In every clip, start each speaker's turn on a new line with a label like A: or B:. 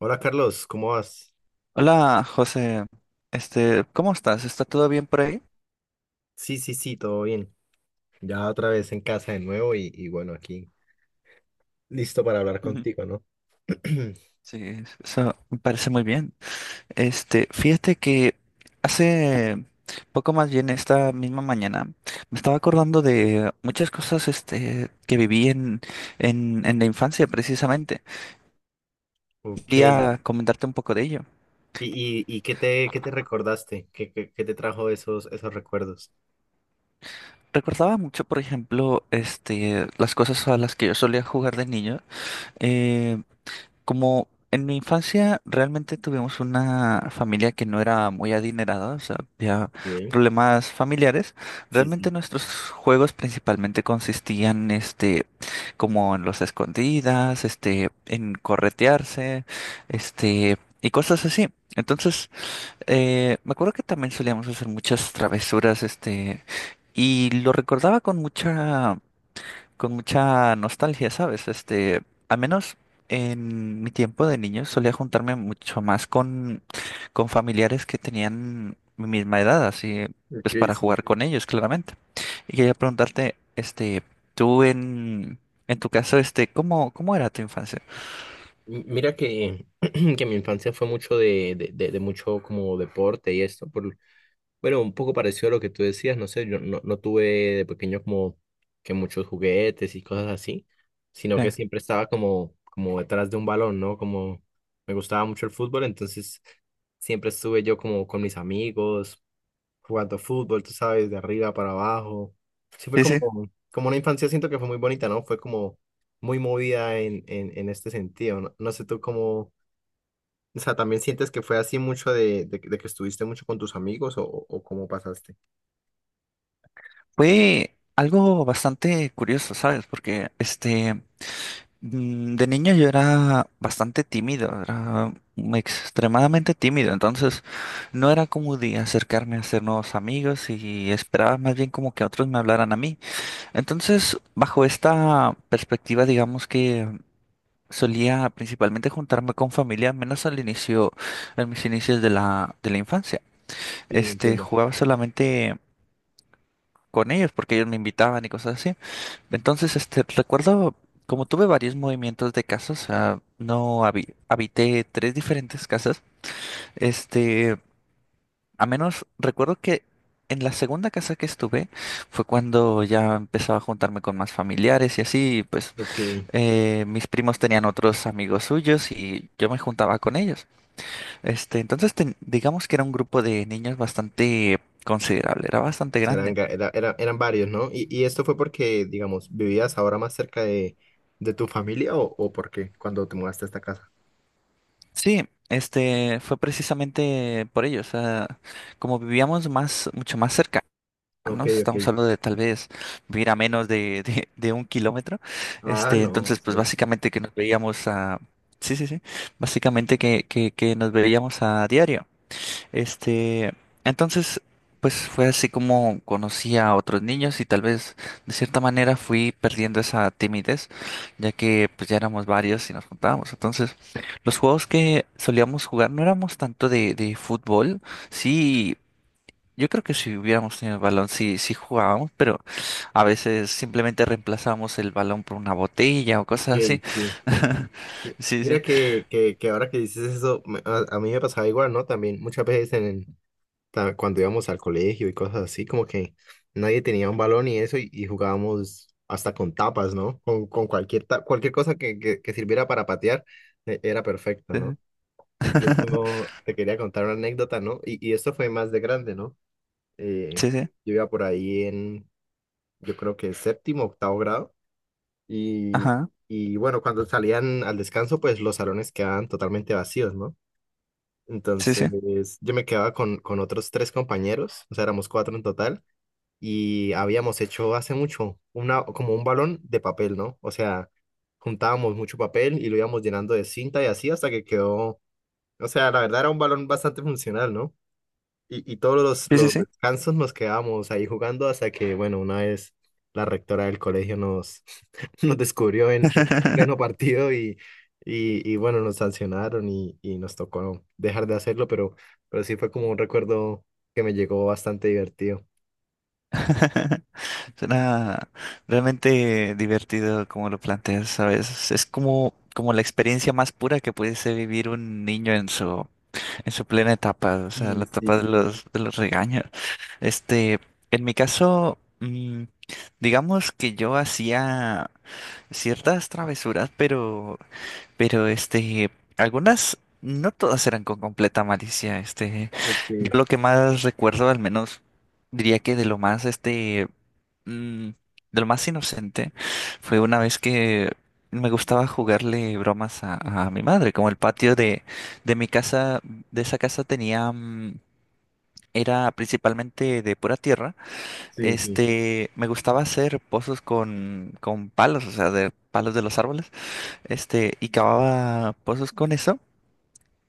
A: Hola Carlos, ¿cómo vas?
B: Hola, José. ¿Cómo estás? ¿Está todo bien por ahí?
A: Sí, sí, sí, todo bien. Ya otra vez en casa de nuevo y bueno, aquí listo para hablar
B: Ujú.
A: contigo, ¿no?
B: Sí, eso me parece muy bien. Fíjate que hace poco, más bien esta misma mañana, me estaba acordando de muchas cosas que viví en, en la infancia precisamente.
A: Ok, ¿y,
B: Quería comentarte un poco de ello.
A: y, y qué te recordaste? ¿Qué, qué, qué te trajo esos, esos recuerdos?
B: Recordaba mucho, por ejemplo, las cosas a las que yo solía jugar de niño. eh, Como en mi infancia realmente tuvimos una familia que no era muy adinerada, o sea, había
A: Ok.
B: problemas familiares.
A: Sí,
B: Realmente
A: sí.
B: nuestros juegos principalmente consistían, como en los escondidas, en corretearse, y cosas así. Entonces, me acuerdo que también solíamos hacer muchas travesuras, y lo recordaba con mucha nostalgia, ¿sabes? Al menos en mi tiempo de niño solía juntarme mucho más con, familiares que tenían mi misma edad, así pues
A: Ok,
B: para
A: sí.
B: jugar con ellos, claramente. Y quería preguntarte, tú en, tu caso, ¿cómo, era tu infancia?
A: Mira que, que mi infancia fue mucho de, de mucho como deporte y esto, por... Bueno, un poco parecido a lo que tú decías, no sé, yo no tuve de pequeño como que muchos juguetes y cosas así, sino
B: Sí,
A: que siempre estaba como, como detrás de un balón, ¿no? Como me gustaba mucho el fútbol, entonces siempre estuve yo como con mis amigos, jugando fútbol, tú sabes, de arriba para abajo. Sí fue
B: sí,
A: como,
B: sí.
A: como una infancia, siento que fue muy bonita, ¿no? Fue como muy movida en este sentido, ¿no? No sé tú cómo, o sea, ¿también sientes que fue así mucho de que estuviste mucho con tus amigos o, o cómo pasaste?
B: Fue algo bastante curioso, ¿sabes? Porque, de niño yo era bastante tímido, era extremadamente tímido, entonces no era como de acercarme a hacer nuevos amigos y esperaba más bien como que otros me hablaran a mí. Entonces, bajo esta perspectiva, digamos que solía principalmente juntarme con familia, menos al inicio, en mis inicios de la, infancia.
A: Sí, entiendo.
B: Jugaba solamente con ellos porque ellos me invitaban y cosas así. Entonces, recuerdo, como tuve varios movimientos de casas. No habité tres diferentes casas. este, a menos recuerdo que en la segunda casa que estuve fue cuando ya empezaba a juntarme con más familiares y así, y pues
A: Ok.
B: mis primos tenían otros amigos suyos y yo me juntaba con ellos. Entonces, digamos que era un grupo de niños bastante considerable, era bastante grande.
A: Charanga, era, eran varios, ¿no? Y esto fue porque, digamos, vivías ahora más cerca de tu familia o por qué cuando te mudaste a esta casa.
B: Sí, este fue precisamente por ello, o sea, como vivíamos más, mucho más
A: Ok,
B: cercanos,
A: ok.
B: estamos hablando de tal vez vivir a menos de, de un kilómetro.
A: Ah, no,
B: Entonces pues
A: sí.
B: básicamente que sí, sí, sí, básicamente que, que nos veíamos a diario. Este, entonces, pues fue así como conocí a otros niños y tal vez de cierta manera fui perdiendo esa timidez, ya que pues ya éramos varios y nos juntábamos. Entonces, los juegos que solíamos jugar no éramos tanto de, fútbol. Sí, yo creo que si hubiéramos tenido el balón, sí, sí jugábamos, pero a veces simplemente reemplazábamos el balón por una botella o cosas así.
A: Ok, sí. Mi-
B: Sí, sí.
A: Mira que ahora que dices eso, me- a mí me pasaba igual, ¿no? También muchas veces en, cuando íbamos al colegio y cosas así, como que nadie tenía un balón y eso y jugábamos hasta con tapas, ¿no? Con cualquier, cualquier cosa que sirviera para patear, era perfecto, ¿no? Incluso te quería contar una anécdota, ¿no? Y esto fue más de grande, ¿no? Eh,
B: Sí, sí. Sí, sí.
A: yo iba por ahí en, yo creo que séptimo, octavo grado. Y,
B: Ajá.
A: y bueno, cuando salían al descanso, pues los salones quedaban totalmente vacíos, ¿no?
B: Sí, sí.
A: Entonces yo me quedaba con otros tres compañeros, o sea, éramos cuatro en total. Y habíamos hecho hace mucho una, como un balón de papel, ¿no? O sea, juntábamos mucho papel y lo íbamos llenando de cinta y así hasta que quedó, o sea, la verdad era un balón bastante funcional, ¿no? Y todos
B: Sí, sí,
A: los
B: sí.
A: descansos nos quedábamos ahí jugando hasta que, bueno, una vez la rectora del colegio nos... nos descubrió en pleno partido y bueno, nos sancionaron y nos tocó dejar de hacerlo, pero sí fue como un recuerdo que me llegó bastante divertido.
B: Suena realmente divertido como lo planteas, ¿sabes? Es como, como la experiencia más pura que pudiese vivir un niño en su plena etapa, o sea, la
A: Sí, sí,
B: etapa de
A: sí.
B: los, regaños. Este, en mi caso, digamos que yo hacía ciertas travesuras, pero pero este, algunas, no todas eran con completa malicia.
A: de
B: Yo
A: que-
B: lo que más recuerdo, al menos diría que de lo más mm, de lo más inocente, fue una vez que me gustaba jugarle bromas a, mi madre. Como el patio de, mi casa, de esa casa tenía, era principalmente de pura tierra.
A: Sí, sí,
B: Me gustaba hacer pozos con, palos, o sea, de palos de los árboles, y cavaba pozos con eso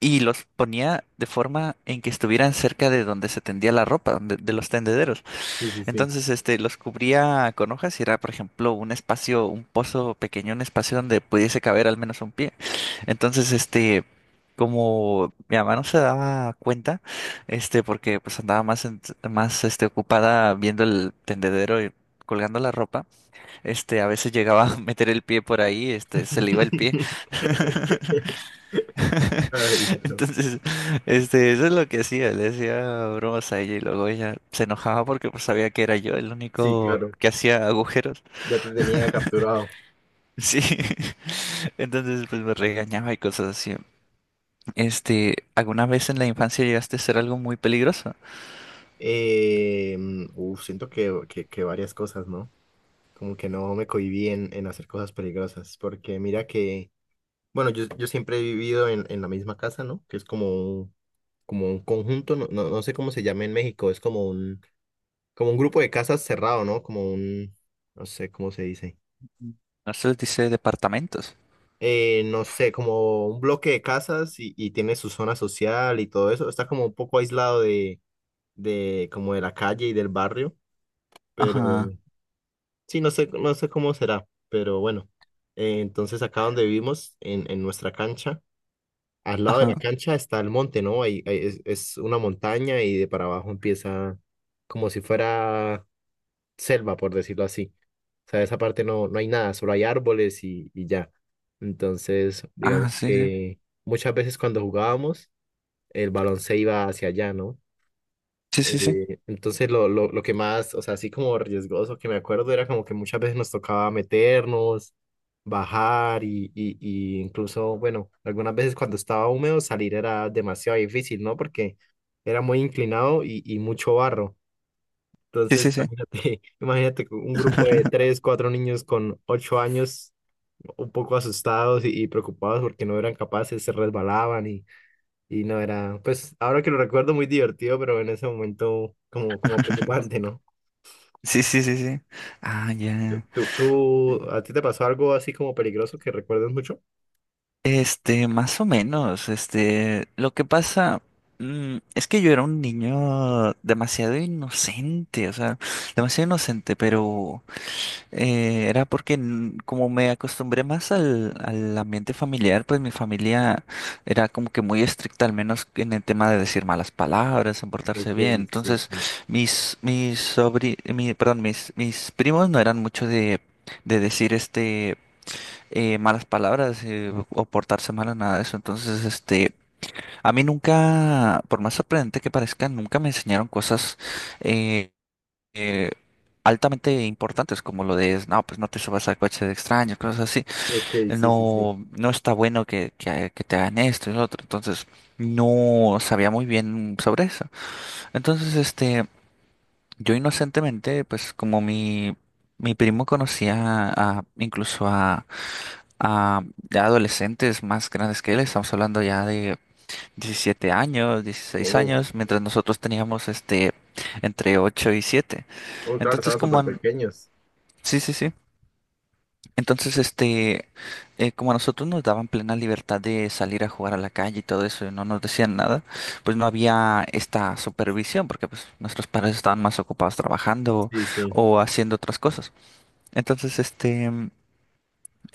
B: y los ponía de forma en que estuvieran cerca de donde se tendía la ropa, de, los tendederos.
A: sí, sí, sí.
B: Entonces, los cubría con hojas y era, por ejemplo, un espacio, un pozo pequeño, un espacio donde pudiese caber al menos un pie. Entonces, como mi mamá no se daba cuenta, porque pues andaba más, más ocupada viendo el tendedero y colgando la ropa. A veces llegaba a meter el pie por ahí, se le iba el pie.
A: Ay, no.
B: Entonces, eso es lo que hacía, le hacía bromas a ella y luego ella se enojaba porque pues sabía que era yo el
A: Sí,
B: único
A: claro,
B: que hacía agujeros.
A: ya te tenía capturado.
B: Sí. Entonces, pues me regañaba y cosas así. ¿Alguna vez en la infancia llegaste a hacer algo muy peligroso?
A: Siento que varias cosas, ¿no? Como que no me cohibí en hacer cosas peligrosas, porque mira que, bueno, yo siempre he vivido en la misma casa, ¿no? Que es un, como un conjunto, no, no, no sé cómo se llama en México, es como un grupo de casas cerrado, ¿no? Como un, no sé cómo se dice,
B: No se les dice departamentos.
A: no sé, como un bloque de casas y tiene su zona social y todo eso, está como un poco aislado de, como de la calle y del barrio, pero...
B: Ajá,
A: Sí, no sé, no sé cómo será, pero bueno. Entonces acá donde vivimos, en nuestra cancha, al lado de
B: ajá.
A: la cancha está el monte, ¿no? Ahí, ahí es una montaña y de para abajo empieza como si fuera selva, por decirlo así. O sea, esa parte no, no hay nada, solo hay árboles y ya. Entonces,
B: Ah,
A: digamos
B: sí, sí.
A: que muchas veces cuando jugábamos, el balón se iba hacia allá, ¿no?
B: Sí, sí, sí.
A: Entonces lo que más, o sea, así como riesgoso que me acuerdo era como que muchas veces nos tocaba meternos, bajar y incluso, bueno, algunas veces cuando estaba húmedo salir era demasiado difícil, ¿no? Porque era muy inclinado y mucho barro.
B: Sí,
A: Entonces,
B: sí, sí.
A: imagínate, imagínate un grupo de tres, cuatro niños con 8 años un poco asustados y preocupados porque no eran capaces, se resbalaban y no era, pues ahora que lo recuerdo muy divertido, pero en ese momento como, como preocupante, ¿no?
B: Sí, sí, sí, sí. Ah, ya.
A: ¿Tú, tú, a ti te pasó algo así como peligroso que recuerdes mucho?
B: Más o menos, lo que pasa es que yo era un niño demasiado inocente, o sea, demasiado inocente. Pero era porque como me acostumbré más al, ambiente familiar, pues mi familia era como que muy estricta, al menos en el tema de decir malas palabras, en portarse
A: Ok,
B: bien.
A: sí,
B: Entonces
A: sí.
B: perdón, mis primos no eran mucho de, decir malas palabras, o portarse mal o nada de eso. Entonces, a mí nunca, por más sorprendente que parezca, nunca me enseñaron cosas eh, eh, altamente importantes como lo de, no, pues no te subas al coche de extraños, cosas así.
A: Ok, sí, sí, sí.
B: No, no está bueno que, que te hagan esto y lo otro. Entonces, no sabía muy bien sobre eso. Entonces, yo inocentemente, pues como mi... Mi primo conocía a, incluso a, a ya adolescentes más grandes que él. Estamos hablando ya de 17 años, dieciséis
A: Oh,
B: años, mientras nosotros teníamos entre 8 y 7.
A: oh, claro,
B: Entonces,
A: estaban súper pequeños.
B: sí, sí, sí. Entonces, como a nosotros nos daban plena libertad de salir a jugar a la calle y todo eso, y no nos decían nada, pues no había esta supervisión, porque pues nuestros padres estaban más ocupados trabajando
A: Sí, sí.
B: o haciendo otras cosas. Entonces, este.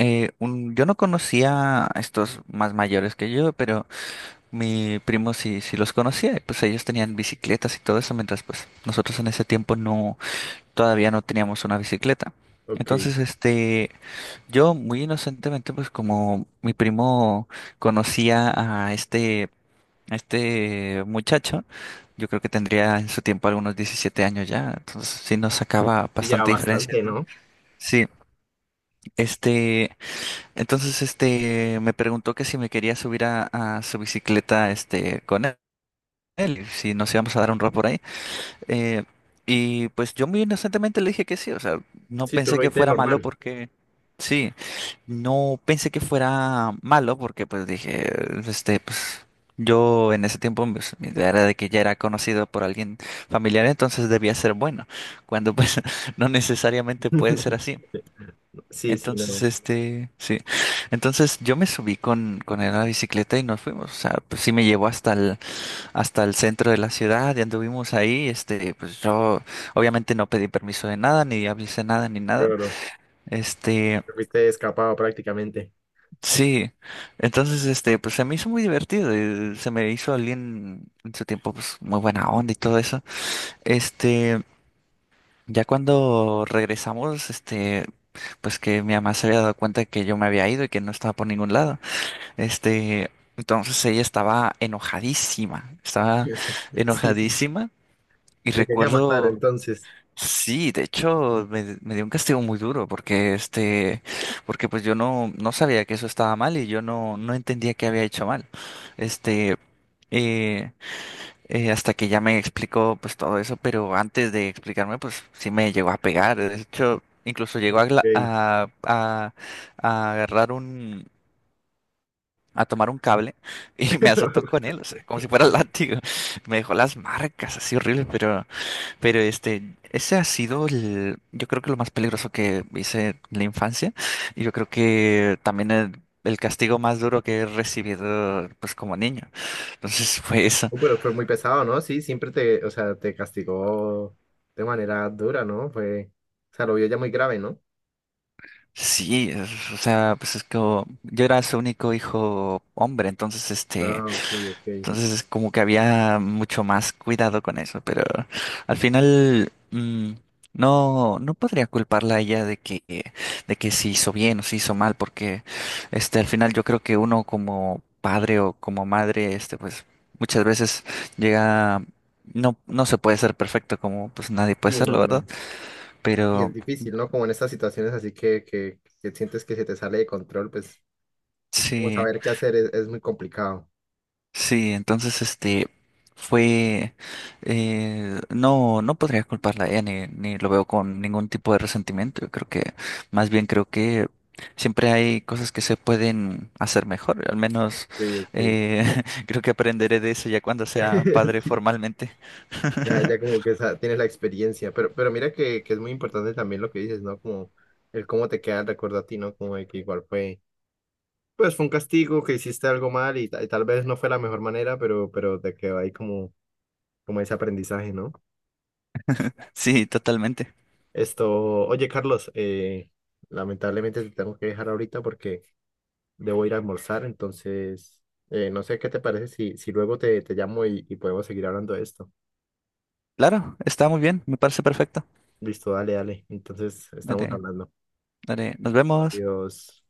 B: Eh, un- yo no conocía a estos más mayores que yo, pero mi primo sí, sí los conocía, y pues ellos tenían bicicletas y todo eso, mientras pues nosotros en ese tiempo no, todavía no teníamos una bicicleta.
A: Ok.
B: Entonces, yo muy inocentemente, pues como mi primo conocía a este muchacho. Yo creo que tendría en su tiempo algunos 17 años ya, entonces sí nos sacaba
A: Y ya
B: bastante diferencia.
A: bastante, ¿no?
B: Sí, este, entonces, me preguntó que si me quería subir a, su bicicleta, con él, y si nos íbamos a dar un rol por ahí. Eh, y pues yo muy inocentemente le dije que sí, o sea, no
A: Sí, tú
B: pensé
A: lo
B: que
A: viste
B: fuera malo
A: normal.
B: porque, sí, no pensé que fuera malo porque pues dije, pues yo en ese tiempo, pues mi idea era de que ya era conocido por alguien familiar, entonces debía ser bueno, cuando pues no necesariamente puede ser así.
A: Sí, sí,
B: Entonces,
A: no.
B: sí. Entonces yo me subí con, él a la bicicleta y nos fuimos. O sea, pues sí me llevó hasta el, centro de la ciudad y anduvimos ahí. Pues yo obviamente no pedí permiso de nada, ni avisé nada, ni nada.
A: Claro.
B: Este,
A: Te fuiste escapado prácticamente.
B: sí. Entonces, pues se me hizo muy divertido. Y se me hizo alguien en su tiempo, pues muy buena onda y todo eso. Este. Ya cuando regresamos, pues que mi mamá se había dado cuenta que yo me había ido y que no estaba por ningún lado. Este, entonces ella estaba enojadísima, estaba
A: Ya está. Sí, sí.
B: enojadísima, y
A: Te quería matar
B: recuerdo,
A: entonces.
B: sí, de hecho me, dio un castigo muy duro porque porque pues yo no, no sabía que eso estaba mal y yo no, no entendía que había hecho mal. Este, eh, Hasta que ya me explicó pues todo eso. Pero antes de explicarme pues sí me llegó a pegar, de hecho incluso llegó a, gla-
A: Ok.
B: a, a a agarrar, a tomar un cable, y me azotó con él, o sea, como si fuera
A: Sí.
B: látigo. Me dejó las marcas así horribles, pero, pero este, ese ha sido el, yo creo que lo más peligroso que hice en la infancia. Y yo creo que también el castigo más duro que he recibido, pues como niño. Entonces fue eso.
A: Pero fue muy pesado, ¿no? Sí, siempre te, o sea, te castigó de manera dura, ¿no? Fue, o sea, lo vio ya muy grave, ¿no?
B: Sí, o sea, pues es que yo era su único hijo hombre. Entonces este.
A: Ah, ok, ok.
B: Entonces es como que había mucho más cuidado con eso. Pero al final no, no podría culparla a ella de que, se hizo bien o se hizo mal, porque al final yo creo que uno como padre o como madre, pues muchas veces llega, no, no se puede ser perfecto, como pues nadie puede
A: Sí,
B: serlo,
A: no, no.
B: ¿verdad?
A: Y es
B: Pero
A: difícil, ¿no? Como en estas situaciones así que sientes que se te sale de control, pues, como
B: sí.
A: saber qué hacer es muy complicado.
B: Sí, entonces fue, no, no podría culparla a ella, ni, lo veo con ningún tipo de resentimiento. Yo creo que más bien creo que siempre hay cosas que se pueden hacer mejor. Al
A: Ok,
B: menos
A: ok.
B: creo que aprenderé de eso ya cuando sea padre
A: Sí,
B: formalmente.
A: ya, ya como que esa- tienes la experiencia, pero mira que es muy importante también lo que dices, ¿no? Como el cómo te queda el recuerdo a ti, ¿no? Como de que igual fue. Pues fue un castigo que hiciste algo mal y y tal vez no fue la mejor manera, pero te quedó ahí como, como ese aprendizaje, ¿no?
B: Sí, totalmente.
A: Esto, oye Carlos, lamentablemente te tengo que dejar ahorita porque debo ir a almorzar, entonces no sé qué te parece si, si luego te, te llamo y podemos seguir hablando de esto.
B: Claro, está muy bien, me parece perfecto.
A: Listo, dale, dale. Entonces estamos
B: Dale,
A: hablando.
B: dale, nos vemos.
A: Adiós.